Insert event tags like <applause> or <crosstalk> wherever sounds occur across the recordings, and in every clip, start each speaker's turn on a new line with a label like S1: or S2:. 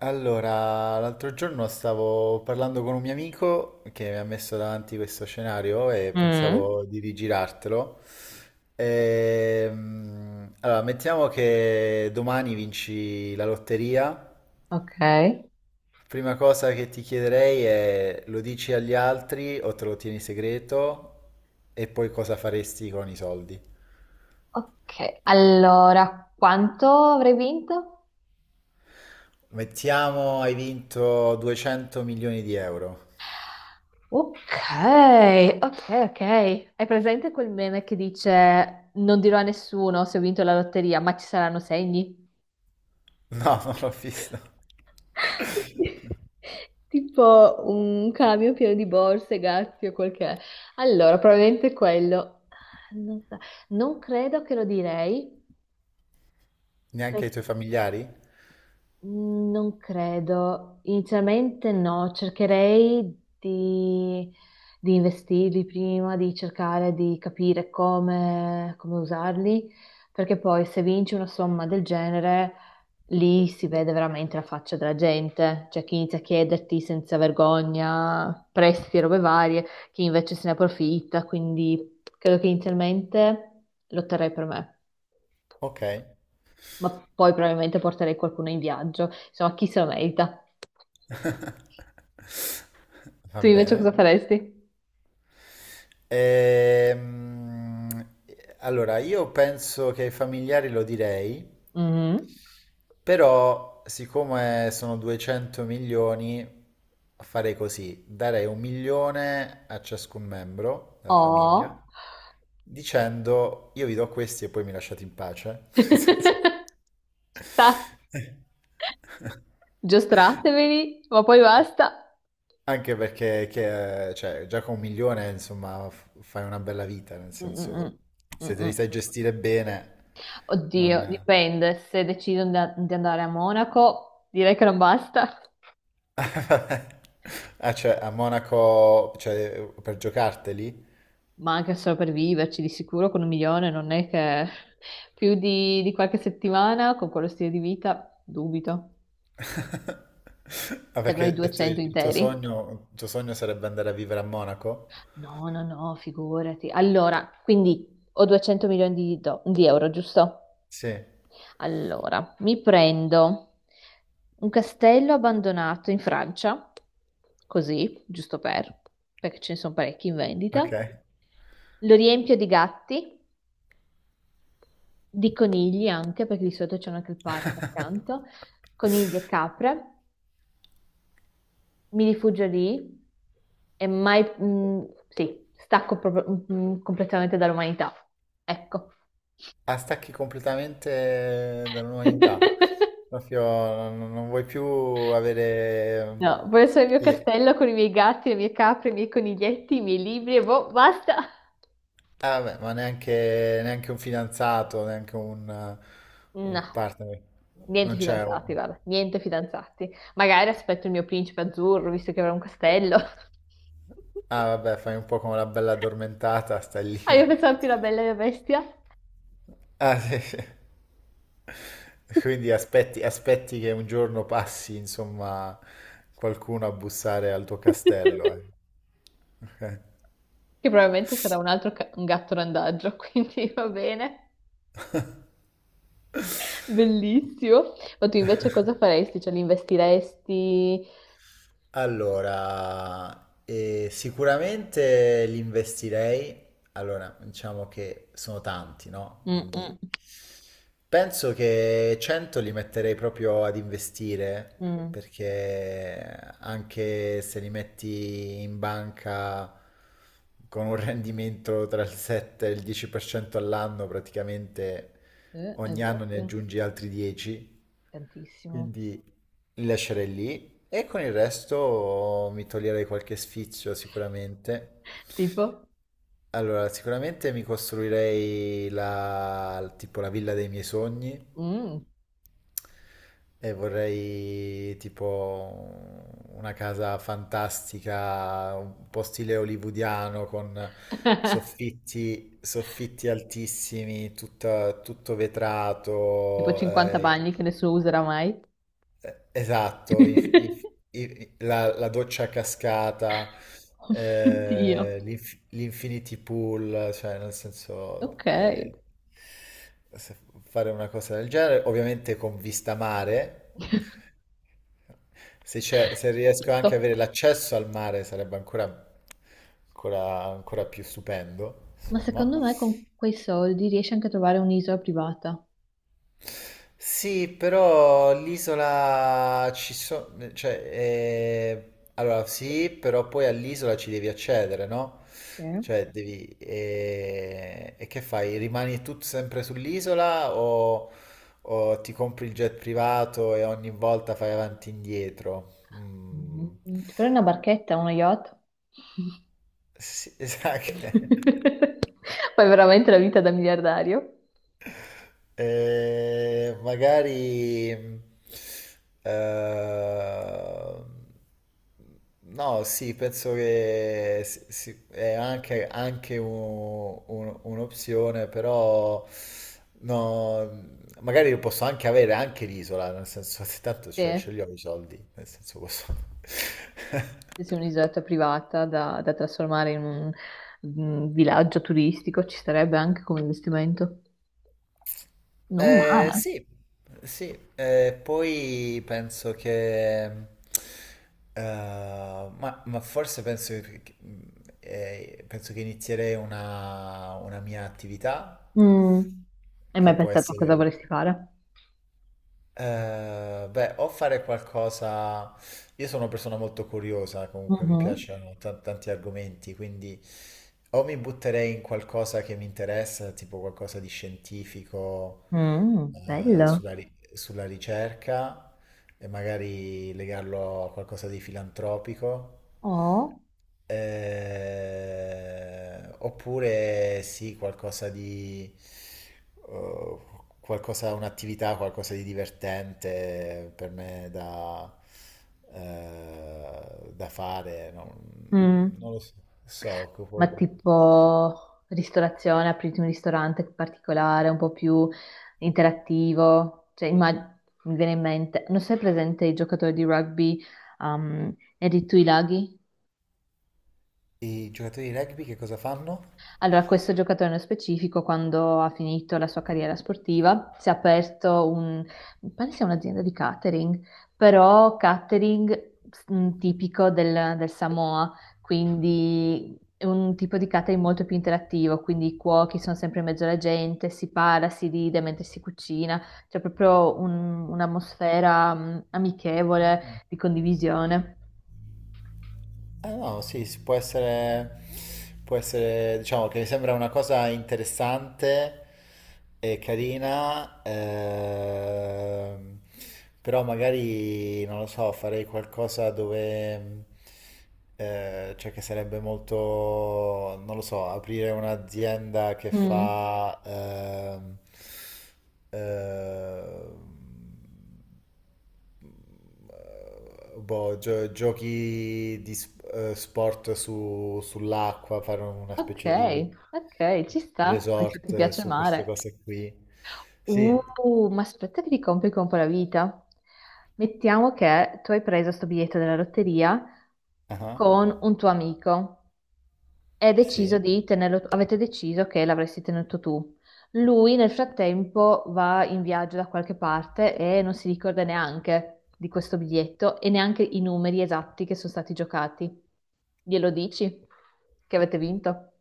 S1: Allora, l'altro giorno stavo parlando con un mio amico che mi ha messo davanti questo scenario e
S2: Mm,
S1: pensavo di rigirartelo. Allora, mettiamo che domani vinci la lotteria.
S2: ok.
S1: Prima cosa che ti chiederei è: lo dici agli altri o te lo tieni segreto e poi cosa faresti con i soldi?
S2: Ok, allora, quanto avrei vinto?
S1: Mettiamo hai vinto 200 milioni di euro.
S2: Ok, ok. Hai presente quel meme che dice non dirò a nessuno se ho vinto la lotteria, ma ci saranno segni?
S1: No, <laughs> non l'ho visto.
S2: <laughs> Tipo un camion pieno di borse, gatti o quel che è. Allora, probabilmente quello. Ah, non so, non credo che lo direi.
S1: Neanche i tuoi familiari?
S2: Mm, non credo. Inizialmente no, di investirli prima, di cercare di capire come usarli, perché poi se vinci una somma del genere, lì si vede veramente la faccia della gente, cioè chi inizia a chiederti senza vergogna prestiti e robe varie, chi invece se ne approfitta, quindi credo che inizialmente lotterei per me,
S1: Ok,
S2: ma poi probabilmente porterei qualcuno in viaggio, insomma chi se lo merita.
S1: <laughs> va
S2: Tu invece cosa
S1: bene.
S2: faresti?
S1: Ehm, allora, io penso che ai familiari lo direi,
S2: Mhm.
S1: però siccome sono 200 milioni, farei così: darei 1 milione a ciascun membro della famiglia,
S2: Oh.
S1: dicendo: io vi do questi e poi mi lasciate in pace. <laughs> Nel senso.
S2: <laughs> Sta-
S1: <laughs>
S2: Giostrateveli, ma poi basta.
S1: Anche perché cioè, già con 1 milione, insomma, fai una bella vita, nel
S2: Mm,
S1: senso,
S2: mm, mm,
S1: se te li
S2: mm.
S1: sai gestire bene, non...
S2: Oddio, dipende. Se decidono da- di andare a Monaco, direi che non basta.
S1: <laughs> Ah, cioè, a Monaco, cioè, per giocarteli?
S2: Ma anche solo per viverci, di sicuro con un milione non è che più di qualche settimana con quello stile di vita, dubito.
S1: <laughs> Ah, perché
S2: Servono i 200 interi.
S1: il tuo sogno sarebbe andare a vivere a Monaco?
S2: No, no, no, figurati. Allora, quindi ho 200 milioni di euro, giusto?
S1: Sì,
S2: Allora, mi prendo un castello abbandonato in Francia, così, giusto per, perché ce ne sono parecchi in vendita.
S1: ok.
S2: Lo riempio di gatti, di conigli anche, perché di solito c'è anche il parco
S1: <laughs>
S2: accanto, conigli e capre. Mi rifugio lì e mai, sì, stacco proprio, completamente dall'umanità. Ecco.
S1: Ah, stacchi completamente
S2: <laughs>
S1: dall'umanità. Proprio non, non vuoi più avere
S2: No, voglio solo il mio
S1: le,
S2: castello con i miei gatti, le mie capre, i miei coniglietti, i miei libri e boh, basta.
S1: ah, beh, ma neanche, neanche un fidanzato, neanche un
S2: No,
S1: partner.
S2: niente
S1: Non c'è un...
S2: fidanzati, guarda, niente fidanzati. Magari aspetto il mio principe azzurro, visto che avrà un castello.
S1: Ah,
S2: <laughs>
S1: vabbè, fai un po' come la bella addormentata, stai
S2: Ah, io
S1: lì.
S2: pensavo
S1: <laughs>
S2: più la bella e la bestia.
S1: Ah, sì, sì. Quindi aspetti, aspetti che un giorno passi, insomma, qualcuno a bussare al tuo castello, eh.
S2: <laughs>
S1: <laughs> Ok.
S2: Che probabilmente sarà un altro ca- un gatto randaggio, <laughs> quindi va bene. Bellissimo. Ma tu invece cosa faresti? Cioè, li investiresti?
S1: Allora, sicuramente li investirei. Allora, diciamo che sono tanti, no?
S2: Mm,
S1: Quindi
S2: mm,
S1: penso che 100 li metterei proprio ad investire,
S2: mm.
S1: perché anche se li metti in banca con un <laughs> rendimento tra il 7 e il 10% all'anno, praticamente
S2: Hai
S1: ogni anno ne
S2: voglia?
S1: aggiungi altri 10.
S2: Tantissimo.
S1: Quindi li lascerei lì e con il resto mi toglierei qualche sfizio sicuramente.
S2: Tipo?
S1: Allora, sicuramente mi costruirei la, tipo la villa dei miei sogni
S2: Mm,
S1: e vorrei tipo una casa fantastica, un po' stile hollywoodiano con soffitti, soffitti altissimi, tutto
S2: tipo
S1: vetrato,
S2: 50 bagni che nessuno userà mai.
S1: eh, esatto,
S2: <laughs>
S1: la, la doccia a cascata,
S2: Dio.
S1: l'infinity pool, cioè nel senso
S2: Ok.
S1: se- fare una cosa del genere, ovviamente con vista mare, se, se riesco anche ad
S2: Giusto.
S1: avere l'accesso al mare sarebbe ancora, ancora, ancora più stupendo,
S2: Ma secondo
S1: insomma.
S2: me con quei soldi riesci anche a trovare un'isola privata.
S1: Sì, però l'isola ci sono, cioè, allora sì, però poi all'isola ci devi accedere, no?
S2: Sì.
S1: Cioè, devi, e che fai? Rimani tu sempre sull'isola o ti compri il jet privato e ogni volta fai avanti e indietro?
S2: Mm,
S1: Mm.
S2: ti prendi una barchetta, uno yacht?
S1: Sì, <laughs> esatto.
S2: <laughs> Fai veramente la vita da miliardario?
S1: Magari eh, no, sì, penso che è anche, anche un'opzione, però no, magari lo posso anche avere anche l'isola, nel senso, <laughs> se tanto ce
S2: Sì,
S1: li ho i soldi, nel senso posso. <laughs>
S2: se sei un'isoletta privata da trasformare in un villaggio turistico, ci starebbe anche come investimento. Non male.
S1: Sì, sì, poi penso che, ma forse penso che, penso che inizierei una mia attività
S2: Mm. Hai
S1: che
S2: mai
S1: può
S2: pensato a cosa
S1: essere,
S2: vorresti fare?
S1: beh, o fare qualcosa... Io sono una persona molto curiosa, comunque mi
S2: Mhm.
S1: piacciono tanti argomenti, quindi o mi butterei in qualcosa che mi interessa, tipo qualcosa di scientifico,
S2: Mm, bello.
S1: sulla, sulla ricerca, e magari legarlo a qualcosa di filantropico.
S2: Oh.
S1: Oppure sì, qualcosa di... eh, qualcosa, un'attività, qualcosa di divertente per me da, da fare. Non
S2: Mm.
S1: Non lo so. So,
S2: Ma
S1: tipo,
S2: tipo ristorazione, apriti un ristorante particolare, un po' più interattivo. Cioè, immag- mi viene in mente, non sei presente i giocatori di rugby, Erri Tuilagi?
S1: i giocatori di rugby che cosa fanno?
S2: Allora, questo giocatore nello specifico, quando ha finito la sua carriera sportiva, si è aperto un, mi pare sia un'azienda di catering, però catering mm, tipico del Samoa, quindi è un tipo di catering molto più interattivo, quindi i cuochi sono sempre in mezzo alla gente, si parla, si ride mentre si cucina, c'è proprio un- un'atmosfera mm, amichevole di condivisione.
S1: Eh no, sì, si può essere, diciamo che mi sembra una cosa interessante e carina, però magari, non lo so, farei qualcosa dove, cioè che sarebbe molto, non lo so, aprire un'azienda che
S2: Mm.
S1: fa, ehm, boh, giochi di sport sull'acqua, fare una
S2: Ok,
S1: specie di
S2: ok, ci sta, mi sa che
S1: resort
S2: ti piace il
S1: su queste
S2: mare.
S1: cose qui. Sì.
S2: Ma aspetta che ti complico un po' la vita. Mettiamo che tu hai preso sto biglietto della lotteria
S1: Ah,
S2: con un tuo amico e hai deciso
S1: sì.
S2: di tenerlo, avete deciso che l'avresti tenuto tu. Lui nel frattempo va in viaggio da qualche parte e non si ricorda neanche di questo biglietto e neanche i numeri esatti che sono stati giocati. Glielo dici che avete vinto?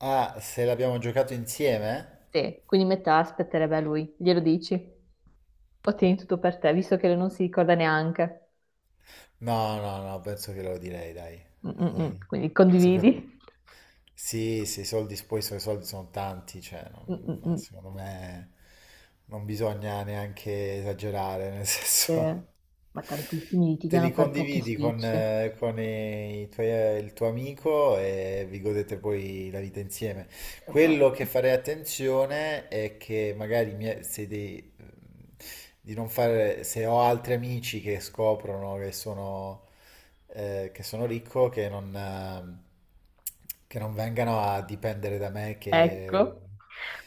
S1: Ah, se l'abbiamo giocato insieme?
S2: Sì, quindi metà aspetterebbe a lui. Glielo dici? Ottieni tutto per te, visto che non si ricorda neanche.
S1: No, no, no, penso che lo direi, dai.
S2: Mm, mm,
S1: Dai.
S2: mm. Quindi
S1: Sopra-
S2: condividi.
S1: Sì, sì, i soldi, poi so, i suoi soldi sono tanti, cioè,
S2: Mm, mm,
S1: ma
S2: mm.
S1: secondo me non bisogna neanche esagerare, nel
S2: Eh,
S1: senso,
S2: ma tantissimi
S1: <laughs> te
S2: litigano
S1: li
S2: per pochi
S1: condividi
S2: spicci.
S1: con il tuo amico e vi godete poi la vita insieme.
S2: Cioè, boh.
S1: Quello che farei attenzione è che magari mi- se dei- di non fare, se ho altri amici che scoprono che sono ricco, che non vengano a dipendere da me che
S2: Ecco,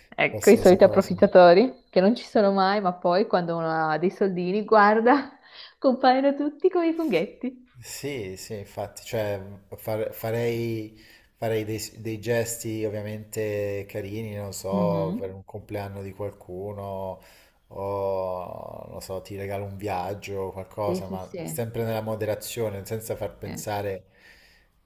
S2: ecco i
S1: qualsiasi
S2: soliti
S1: cosa.
S2: approfittatori che non ci sono mai, ma poi quando uno ha dei soldini, guarda, <laughs> compaiono tutti come i funghetti.
S1: Sì, sì, infatti, cioè farei, farei dei, dei gesti ovviamente carini, non so, per
S2: Mhm.
S1: un compleanno di qualcuno o, non so, ti regalo un viaggio o
S2: Sì,
S1: qualcosa,
S2: sì,
S1: ma
S2: sì.
S1: sempre nella moderazione, senza far
S2: Sì.
S1: pensare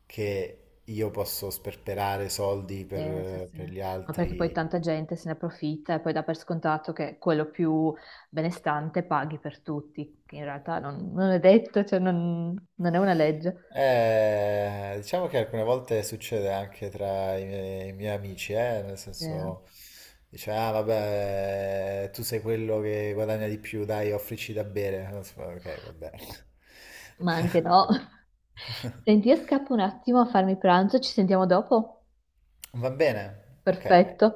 S1: che io posso sperperare soldi
S2: Sì, sì, sì.
S1: per gli
S2: Ma perché poi
S1: altri.
S2: tanta gente se ne approfitta e poi dà per scontato che quello più benestante paghi per tutti, che in realtà non è detto, cioè non è una legge.
S1: Diciamo che alcune volte succede anche tra i miei amici, nel
S2: Sì.
S1: senso, dice: ah vabbè, tu sei quello che guadagna di più, dai, offrici da bere. Ok, va bene.
S2: Ma anche no. <laughs> Senti, io scappo un attimo a farmi pranzo, ci sentiamo dopo?
S1: Va bene, ok.
S2: Perfetto.